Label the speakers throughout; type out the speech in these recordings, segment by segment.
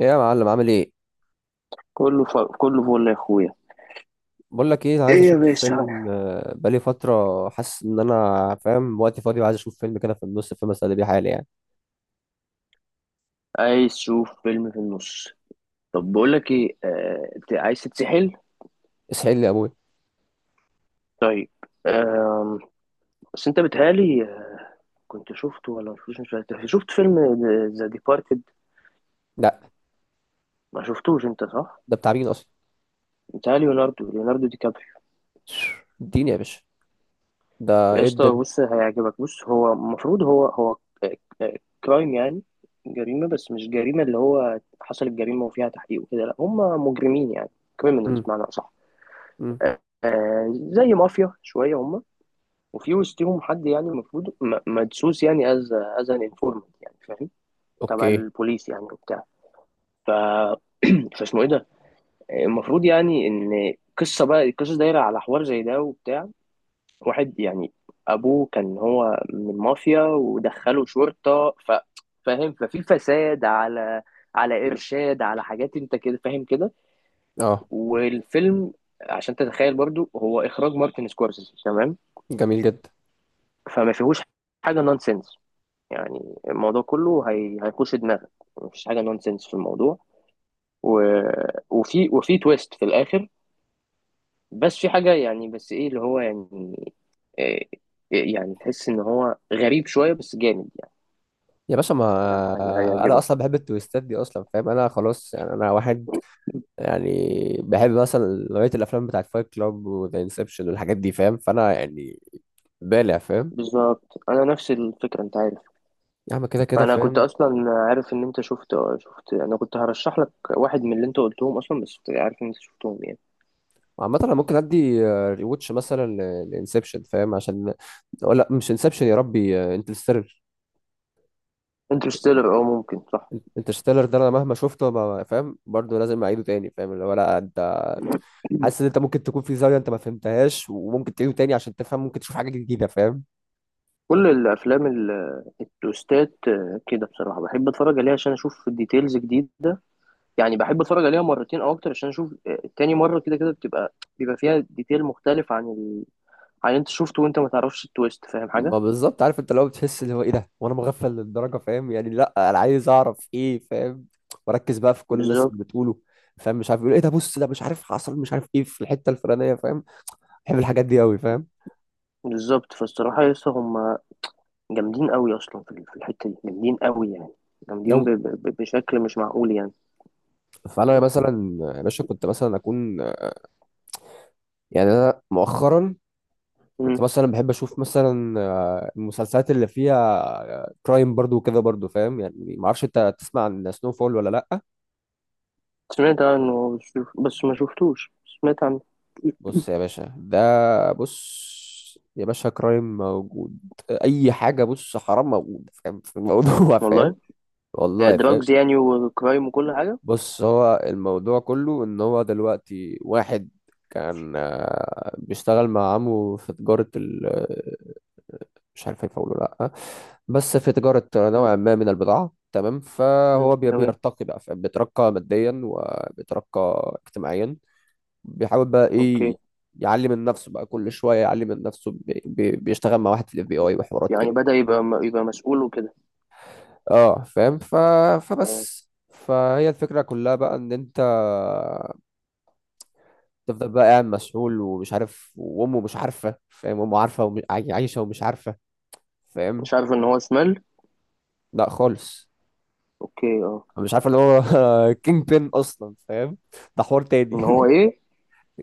Speaker 1: ايه يا معلم عامل ايه؟
Speaker 2: كله فل يا اخويا.
Speaker 1: بقول لك ايه، عايز
Speaker 2: ايه يا
Speaker 1: اشوف
Speaker 2: باشا؟
Speaker 1: فيلم، بقالي فتره حاسس ان انا فاهم وقتي فاضي وعايز اشوف فيلم كده في النص، فيلم اسلي بيه حالي يعني.
Speaker 2: عايز تشوف فيلم في النص؟ طب بقول لك ايه عايز تتسحل؟
Speaker 1: اسحل لي يا ابويا.
Speaker 2: طيب. آم... بس انت بتهيألي كنت شفته ولا ما شفتوش، مش فاكر. شفت فيلم ذا ديبارتد؟
Speaker 1: لا.
Speaker 2: ما شفتوش انت، صح؟
Speaker 1: ده بتاع مين اصلا؟
Speaker 2: بتهيألي ليوناردو دي كابريو.
Speaker 1: اديني يا باشا، ده
Speaker 2: يا
Speaker 1: ايه
Speaker 2: اسطى
Speaker 1: الدنيا؟
Speaker 2: بص، هيعجبك. بص، هو المفروض هو كرايم يعني، جريمة. بس مش جريمة اللي هو حصلت جريمة وفيها تحقيق وكده، لا، هم مجرمين يعني، كريمنالز
Speaker 1: امم
Speaker 2: بمعنى أصح.
Speaker 1: امم
Speaker 2: آه، زي مافيا شويه هم، وفي وسطهم حد يعني المفروض مدسوس يعني، از از ان انفورمنت يعني، فاهم؟ تبع
Speaker 1: اوكي.
Speaker 2: البوليس يعني وبتاع. ف فاسمه ايه ده؟ المفروض يعني ان قصه، بقى القصه دايره على حوار زي ده وبتاع. واحد يعني ابوه كان هو من المافيا ودخله شرطه. فاهم؟ ففي فساد على، على ارشاد، على حاجات، انت كده فاهم كده.
Speaker 1: اه
Speaker 2: والفيلم، عشان تتخيل برضو، هو اخراج مارتن سكورسيزي، تمام؟
Speaker 1: جميل جدا.
Speaker 2: فما فيهوش حاجه نونسنس يعني. الموضوع كله هيخش دماغك. مفيش حاجه نونسنس في الموضوع. و... وفي تويست في الاخر. بس في حاجه يعني، بس ايه اللي هو يعني، إيه، يعني تحس ان هو غريب شويه، بس جامد يعني.
Speaker 1: يا باشا،
Speaker 2: يعني
Speaker 1: ما انا اصلا
Speaker 2: هيعجبك.
Speaker 1: بحب التويستات دي اصلا، فاهم؟ انا خلاص يعني، انا واحد يعني بحب مثلا نوعيه الافلام بتاعت فايت كلاب وذا انسبشن والحاجات دي، فاهم؟ فانا يعني بالع، فاهم؟
Speaker 2: بالظبط، انا نفس الفكره، انت عارف.
Speaker 1: يا عم كده كده
Speaker 2: فانا كنت
Speaker 1: فاهم.
Speaker 2: اصلا عارف ان انت شفت. انا كنت هرشح لك واحد من اللي انت قلتهم اصلا، بس عارف ان انت شفتهم يعني.
Speaker 1: عامة انا ممكن ادي ريوتش مثلا لانسبشن، فاهم؟ عشان أو لا، مش انسبشن، يا ربي، انترستيلر.
Speaker 2: انترستيلر، اه ممكن، صح.
Speaker 1: انترستيلر ده انا مهما شفته ما فاهم برضه، لازم اعيده تاني، فاهم؟ اللي هو لا انت حاسس ان انت ممكن تكون في زاوية انت ما فهمتهاش، وممكن تعيده تاني عشان تفهم، ممكن تشوف حاجة جديدة، فاهم؟
Speaker 2: كل الافلام التوستات كده، بصراحه بحب اتفرج عليها عشان اشوف ديتيلز جديده. يعني بحب اتفرج عليها مرتين او اكتر عشان اشوف تاني مره كده، كده بتبقى بيبقى فيها ديتيل مختلف عن عن، انت شفته وانت ما تعرفش التويست، فاهم
Speaker 1: ما
Speaker 2: حاجه؟
Speaker 1: بالظبط، عارف انت لو بتحس اللي هو ايه ده وانا مغفل للدرجة، فاهم؟ يعني لا انا عايز اعرف ايه، فاهم؟ واركز بقى في كل الناس
Speaker 2: بالظبط.
Speaker 1: اللي بتقوله، فاهم؟ مش عارف يقول ايه، ده بص ده مش عارف حصل، مش عارف ايه في الحتة الفلانية، فاهم؟ بحب الحاجات دي قوي، فاهم؟
Speaker 2: بالظبط، فالصراحه لسه هم جامدين قوي اصلا في في الحته دي، جامدين قوي يعني، جامدين
Speaker 1: لو،
Speaker 2: بشكل مش معقول يعني،
Speaker 1: فانا
Speaker 2: فاهم؟
Speaker 1: مثلا يا باشا كنت مثلا اكون يعني. انا مؤخرا
Speaker 2: مم.
Speaker 1: كنت مثلا بحب اشوف مثلا المسلسلات اللي فيها كرايم برضو وكده برضو، فاهم؟ يعني ما اعرفش انت تسمع عن سنو فول ولا لا.
Speaker 2: سمعت عنه بس ما شفتوش، سمعت عنه.
Speaker 1: بص يا باشا، ده بص يا باشا، كرايم موجود، اي حاجه، بص حرام موجود، فاهم؟ في الموضوع فاهم؟
Speaker 2: والله،
Speaker 1: والله فاهم.
Speaker 2: دراجز يعني وكرايم وكل حاجه.
Speaker 1: بص هو الموضوع كله ان هو دلوقتي واحد كان بيشتغل مع عمه في مش عارف هينفع اقوله لا، بس في تجاره
Speaker 2: مم.
Speaker 1: نوع ما من البضاعه، تمام؟
Speaker 2: مم.
Speaker 1: فهو
Speaker 2: تمام.
Speaker 1: بيرتقي بقى، بيترقى ماديا وبيترقى اجتماعيا. بيحاول بقى
Speaker 2: اوكي.
Speaker 1: ايه، يعلي من نفسه بقى، كل شويه يعلي من نفسه، بيشتغل مع واحد في الاف بي اي وحوارات كده.
Speaker 2: يعني بدأ يبقى يبقى مسؤول وكده.
Speaker 1: اه فاهم.
Speaker 2: اه.
Speaker 1: فبس فهي الفكره كلها بقى ان انت تفضل بقى قاعد مسحول ومش عارف، وامه مش عارفه، فاهم؟ امه عارفه ومش عايشه ومش عارفه، فاهم؟
Speaker 2: مش عارف ان هو شمال.
Speaker 1: لا خالص.
Speaker 2: اوكي، اه.
Speaker 1: مش عارف اللي هو كينج بين اصلا، فاهم؟ ده حوار تاني
Speaker 2: ان هو ايه؟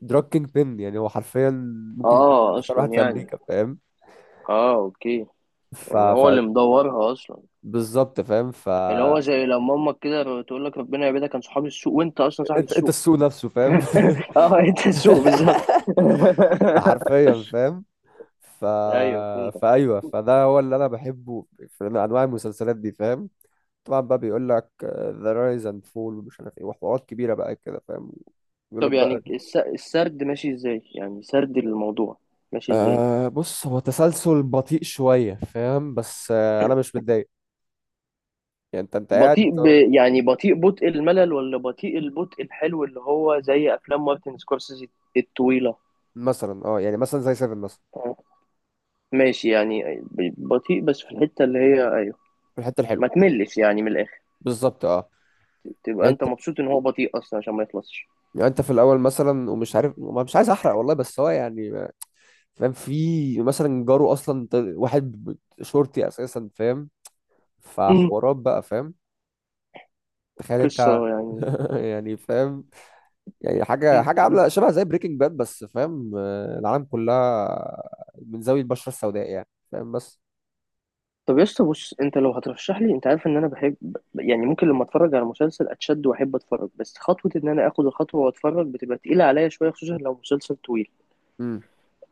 Speaker 1: دراج كينج بين يعني، هو حرفيا ممكن يكون
Speaker 2: اه
Speaker 1: اخطر
Speaker 2: اصلا
Speaker 1: واحد في
Speaker 2: يعني،
Speaker 1: امريكا، فاهم؟
Speaker 2: اه اوكي.
Speaker 1: ف,
Speaker 2: يعني هو
Speaker 1: ف...
Speaker 2: اللي مدورها اصلا،
Speaker 1: بالظبط فاهم. ف
Speaker 2: اللي هو زي لما امك كده تقول لك ربنا يبعدك، كان صحاب السوق، وانت اصلا صاحب
Speaker 1: انت انت
Speaker 2: السوق.
Speaker 1: السوق نفسه، فاهم؟
Speaker 2: اه، انت السوق بالظبط.
Speaker 1: ده حرفيا، فاهم؟ ف...
Speaker 2: ايوه فهمتك.
Speaker 1: فايوه، فده هو اللي انا بحبه في انواع المسلسلات دي، فاهم؟ طبعا بقى بيقول لك ذا رايز اند فول، ومش عارف ايه، وحوارات كبيره بقى كده، فاهم؟ يقول لك
Speaker 2: طب
Speaker 1: بقى.
Speaker 2: يعني السرد ماشي ازاي؟ يعني سرد الموضوع ماشي ازاي؟
Speaker 1: أه بص، هو تسلسل بطيء شوية، فاهم؟ بس أه، أنا مش متضايق. يعني أنت قاعد
Speaker 2: بطيء
Speaker 1: أنت.
Speaker 2: يعني بطيء، بطء الملل ولا بطيء، البطء الحلو اللي هو زي افلام مارتن سكورسيزي الطويله؟
Speaker 1: مثلا أه، يعني مثلا زي سيفن مثلا.
Speaker 2: آه. ماشي، يعني بطيء بس في الحته اللي هي ايوه،
Speaker 1: في الحتة الحلوة.
Speaker 2: ما تملش يعني من الاخر،
Speaker 1: بالظبط أه.
Speaker 2: تبقى
Speaker 1: يعني
Speaker 2: انت
Speaker 1: أنت،
Speaker 2: مبسوط ان هو بطيء اصلا عشان ما يخلصش.
Speaker 1: يعني أنت في الأول مثلا ومش عارف، مش عايز أحرق والله، بس هو يعني فاهم؟ في مثلا جاره أصلا، واحد شرطي أساسا، فاهم؟
Speaker 2: مم.
Speaker 1: فحوارات بقى، فاهم؟ تخيل أنت
Speaker 2: قصه يعني.
Speaker 1: يعني فاهم. يعني حاجة
Speaker 2: مم.
Speaker 1: حاجة
Speaker 2: مم.
Speaker 1: عاملة شبه زي بريكنج باد بس، فاهم؟ العالم كلها من زاوية البشرة السوداء يعني، فاهم؟ بس
Speaker 2: طب يا اسطى بص، انت لو هترشح لي انت عارف ان انا بحب يعني ممكن لما اتفرج على مسلسل اتشد واحب اتفرج، بس خطوه ان انا اخد الخطوه واتفرج بتبقى تقيله عليا شويه، خصوصا لو مسلسل طويل.
Speaker 1: مم.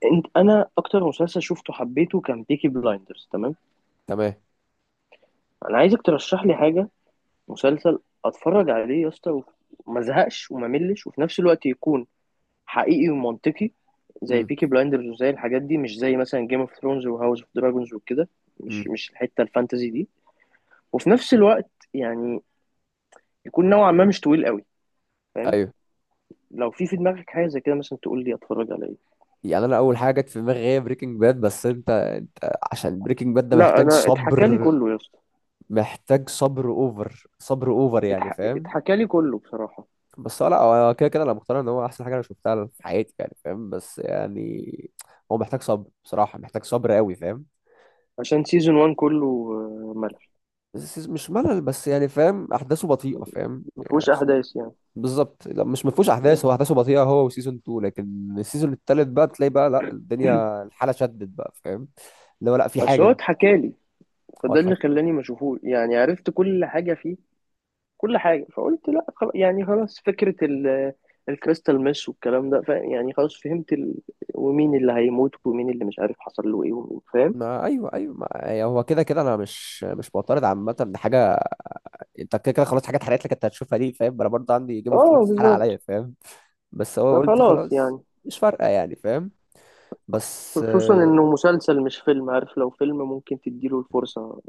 Speaker 2: انت، انا اكتر مسلسل شفته حبيته كان بيكي بلايندرز، تمام؟
Speaker 1: تمام.
Speaker 2: انا عايزك ترشح لي حاجه، مسلسل اتفرج عليه يا اسطى وما ازهقش وما ملش، وفي نفس الوقت يكون حقيقي ومنطقي، زي
Speaker 1: امم
Speaker 2: بيكي بلايندرز وزي الحاجات دي، مش زي مثلا جيم اوف ثرونز وهاوس اوف دراجونز وكده.
Speaker 1: امم
Speaker 2: مش الحته الفانتزي دي. وفي نفس الوقت يعني يكون نوعا ما مش طويل قوي، فاهم؟
Speaker 1: ايوه.
Speaker 2: لو في في دماغك حاجه زي كده مثلا، تقول لي اتفرج على ايه.
Speaker 1: يعني انا اول حاجه جت في دماغي هي بريكنج باد، بس انت عشان بريكنج باد ده
Speaker 2: لا
Speaker 1: محتاج
Speaker 2: انا اتحكى لي
Speaker 1: صبر.
Speaker 2: كله يا اسطى.
Speaker 1: محتاج صبر اوفر، صبر اوفر يعني، فاهم؟
Speaker 2: اتحكى لي كله بصراحه.
Speaker 1: بس هو لا، هو كده كده انا مقتنع ان هو احسن حاجه انا شفتها في حياتي يعني، فاهم؟ بس يعني هو محتاج صبر بصراحه، محتاج صبر قوي، فاهم؟
Speaker 2: عشان سيزون 1 كله ملل،
Speaker 1: بس مش ملل، بس يعني فاهم احداثه بطيئه، فاهم
Speaker 2: ما
Speaker 1: يعني؟
Speaker 2: فيهوش احداث يعني.
Speaker 1: بالظبط، لا مش مفهوش احداث، هو احداثه بطيئه هو وسيزون 2، لكن السيزون الثالث بقى تلاقي بقى لا، الدنيا الحاله شدت بقى، فاهم؟ اللي هو لا، في
Speaker 2: بس هو
Speaker 1: حاجه
Speaker 2: اتحكالي، فده
Speaker 1: واضحه
Speaker 2: اللي خلاني ما اشوفوش يعني. عرفت كل حاجه فيه، كل حاجه، فقلت لا خلاص يعني، خلاص. فكره الكريستال ميس والكلام ده، يعني خلاص فهمت ومين اللي هيموت ومين اللي مش عارف حصل له ايه ومين، فاهم؟
Speaker 1: ما ايوه ايوه، ما يعني هو كده كده انا مش معترض عامه ان حاجه. انت كده كده خلاص، حاجات اتحرقت لك انت هتشوفها دي، فاهم؟ انا برضه عندي جيم اوف
Speaker 2: اه
Speaker 1: ثرونز اتحرق عليا،
Speaker 2: بالظبط.
Speaker 1: فاهم؟ بس هو قلت
Speaker 2: فخلاص
Speaker 1: خلاص،
Speaker 2: يعني،
Speaker 1: مش فارقه يعني، فاهم؟ بس
Speaker 2: خصوصا انه مسلسل مش فيلم، عارف؟ لو فيلم ممكن تديله الفرصة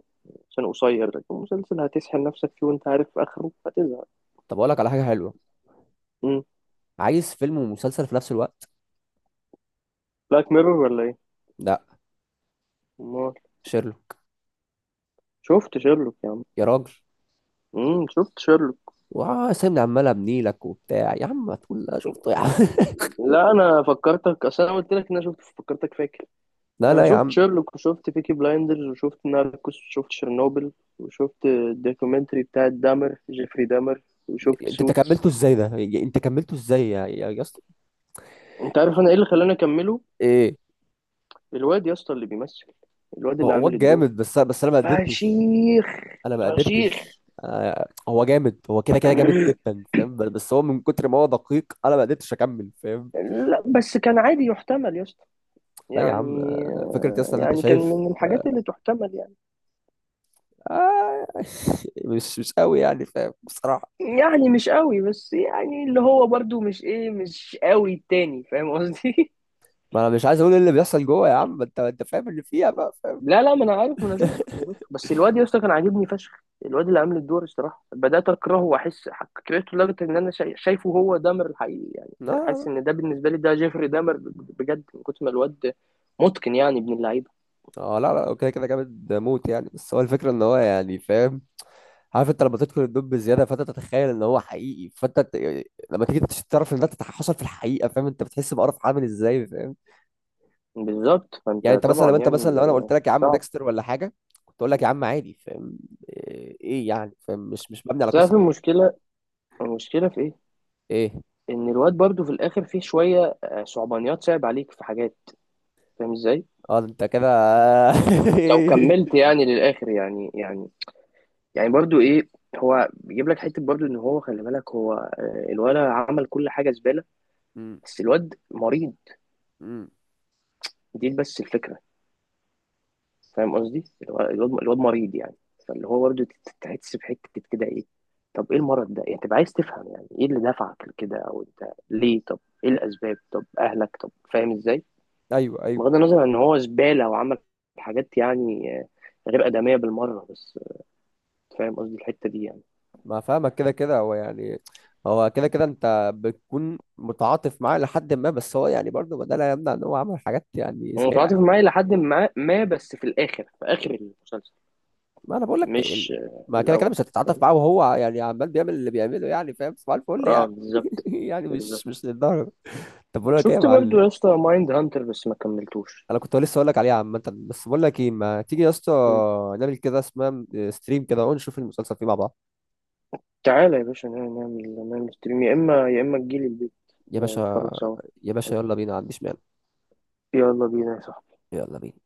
Speaker 2: عشان قصير، لكن مسلسل هتسحل نفسك فيه وانت عارف اخره، هتزهق.
Speaker 1: طب اقول لك على حاجه حلوه.
Speaker 2: امم.
Speaker 1: عايز فيلم ومسلسل في نفس الوقت.
Speaker 2: بلاك ميرور ولا؟
Speaker 1: لا.
Speaker 2: ايه؟
Speaker 1: شيرلو.
Speaker 2: شفت شيرلوك يا عم.
Speaker 1: يا راجل
Speaker 2: امم، شفت شيرلوك.
Speaker 1: وسامي عمال ابني لك وبتاع، يا عم ما تقول لا شفته يا عم
Speaker 2: لا انا فكرتك، اصل انا قلت لك ان انا شفت، فكرتك فاكر.
Speaker 1: لا
Speaker 2: انا
Speaker 1: لا يا
Speaker 2: شفت
Speaker 1: عم.
Speaker 2: شيرلوك وشفت بيكي بلايندرز وشفت ناركوس وشفت شيرنوبل وشفت الدوكيومنتري بتاع دامر، جيفري دامر، وشفت
Speaker 1: انت
Speaker 2: سوتس.
Speaker 1: كملته ازاي ده انت كملته ازاي يا اسطى؟
Speaker 2: انت عارف انا ايه اللي خلاني اكمله؟
Speaker 1: ايه؟
Speaker 2: الواد يا اسطى اللي بيمثل، الواد
Speaker 1: هو
Speaker 2: اللي
Speaker 1: هو
Speaker 2: عامل الدور،
Speaker 1: جامد بس، انا ما قدرتش.
Speaker 2: فشيخ،
Speaker 1: انا ما
Speaker 2: فشيخ.
Speaker 1: قدرتش. هو جامد، هو كده كده جامد جدا، فاهم؟ بس هو من كتر ما هو دقيق انا ما قدرتش اكمل، فاهم؟
Speaker 2: لا بس كان عادي، يحتمل يا اسطى
Speaker 1: لا يا عم،
Speaker 2: يعني.
Speaker 1: فكره يا اسطى ان انت
Speaker 2: يعني كان من
Speaker 1: شايف.
Speaker 2: الحاجات اللي تحتمل يعني.
Speaker 1: آه، مش قوي يعني، فاهم؟ بصراحه.
Speaker 2: يعني مش قوي، بس يعني اللي هو برضو مش ايه، مش قوي التاني، فاهم قصدي؟
Speaker 1: ما انا مش عايز اقول ايه اللي بيحصل جوه يا عم، ما انت فاهم اللي فيها بقى، فاهم؟
Speaker 2: لا ما انا عارف، ما انا شفته، ما أنا شفته. بس الواد يا اسطى كان عاجبني فشخ، الواد اللي عامل الدور الصراحه بدات اكرهه واحس، كرهته لدرجه ان انا شايفه هو دامر الحقيقي يعني،
Speaker 1: لا لا لا.
Speaker 2: حاسس ان ده بالنسبه لي ده جيفري دامر بجد، من كتر ما الواد متقن يعني، ابن اللعيبه.
Speaker 1: اه لا لا، هو كده كده جامد موت يعني، بس هو الفكره ان هو يعني، فاهم؟ عارف انت لما تدخل الدب بزياده، فانت تتخيل ان هو حقيقي، لما تيجي تعرف ان ده حصل في الحقيقه، فاهم؟ انت بتحس بقرف عامل ازاي، فاهم؟
Speaker 2: بالظبط، فانت
Speaker 1: يعني انت مثلا،
Speaker 2: طبعا يعني
Speaker 1: لو انا قلت لك يا عم
Speaker 2: صعب.
Speaker 1: ديكستر ولا حاجه، كنت اقول لك يا عم عادي، فاهم؟ ايه إيه يعني، فاهم؟ مش مش مبني على
Speaker 2: تعرف
Speaker 1: قصه حقيقية.
Speaker 2: المشكله، المشكله في ايه؟
Speaker 1: ايه؟
Speaker 2: ان الواد برضو في الاخر فيه شويه صعبانيات، صعب عليك في حاجات، فاهم ازاي؟
Speaker 1: اه ده انت كده
Speaker 2: لو كملت يعني للاخر يعني، يعني يعني برضو ايه، هو بيجيب لك حته برضو ان هو خلي بالك، هو الولد عمل كل حاجه زباله،
Speaker 1: م-
Speaker 2: بس الواد مريض،
Speaker 1: م.
Speaker 2: دي بس الفكره. فاهم قصدي؟ الواد مريض يعني، فاللي هو برضو تحس بحته كده ايه، طب ايه المرض ده يعني، تبقى عايز تفهم يعني ايه اللي دفعك لكده، او انت ليه، طب ايه الاسباب، طب اهلك، طب فاهم ازاي،
Speaker 1: ايوه ايوه،
Speaker 2: بغض النظر عن ان هو زباله وعمل حاجات يعني غير ادميه بالمره. بس فاهم قصدي الحته دي يعني.
Speaker 1: ما فاهمك. كده كده هو يعني، هو كده كده انت بتكون متعاطف معاه لحد ما، بس هو يعني برضه ده لا يمنع ان هو عمل حاجات يعني
Speaker 2: متعاطف
Speaker 1: سيئه.
Speaker 2: معاه لحد ما، ما بس في الاخر، في اخر المسلسل،
Speaker 1: ما انا بقول لك ال-
Speaker 2: مش في
Speaker 1: ما كده كده
Speaker 2: الاول.
Speaker 1: مش هتتعاطف معاه، وهو يعني عمال بيعمل اللي بيعمله يعني، فاهم؟ صباح الفل
Speaker 2: اه
Speaker 1: يعني
Speaker 2: بالظبط.
Speaker 1: يعني
Speaker 2: بالظبط.
Speaker 1: مش للدرجه. طب بقول لك ايه يا
Speaker 2: شفت برضو
Speaker 1: معلم،
Speaker 2: يا اسطى مايند هانتر؟ بس ما كملتوش.
Speaker 1: انا كنت لسه اقول لك عليها عامه. بس بقول لك ايه، ما تيجي يا اسطى
Speaker 2: مم.
Speaker 1: نعمل كده، اسمها ستريم كده، ونشوف المسلسل فيه مع بعض؟
Speaker 2: تعالى يا باشا، نعمل نعمل ستريم، يا اما يا اما تجيلي البيت
Speaker 1: يا باشا.
Speaker 2: نتفرج سوا.
Speaker 1: يا باشا يلا بينا، ما عنديش مانع.
Speaker 2: يلا بينا يا صاحبي.
Speaker 1: يلا بينا.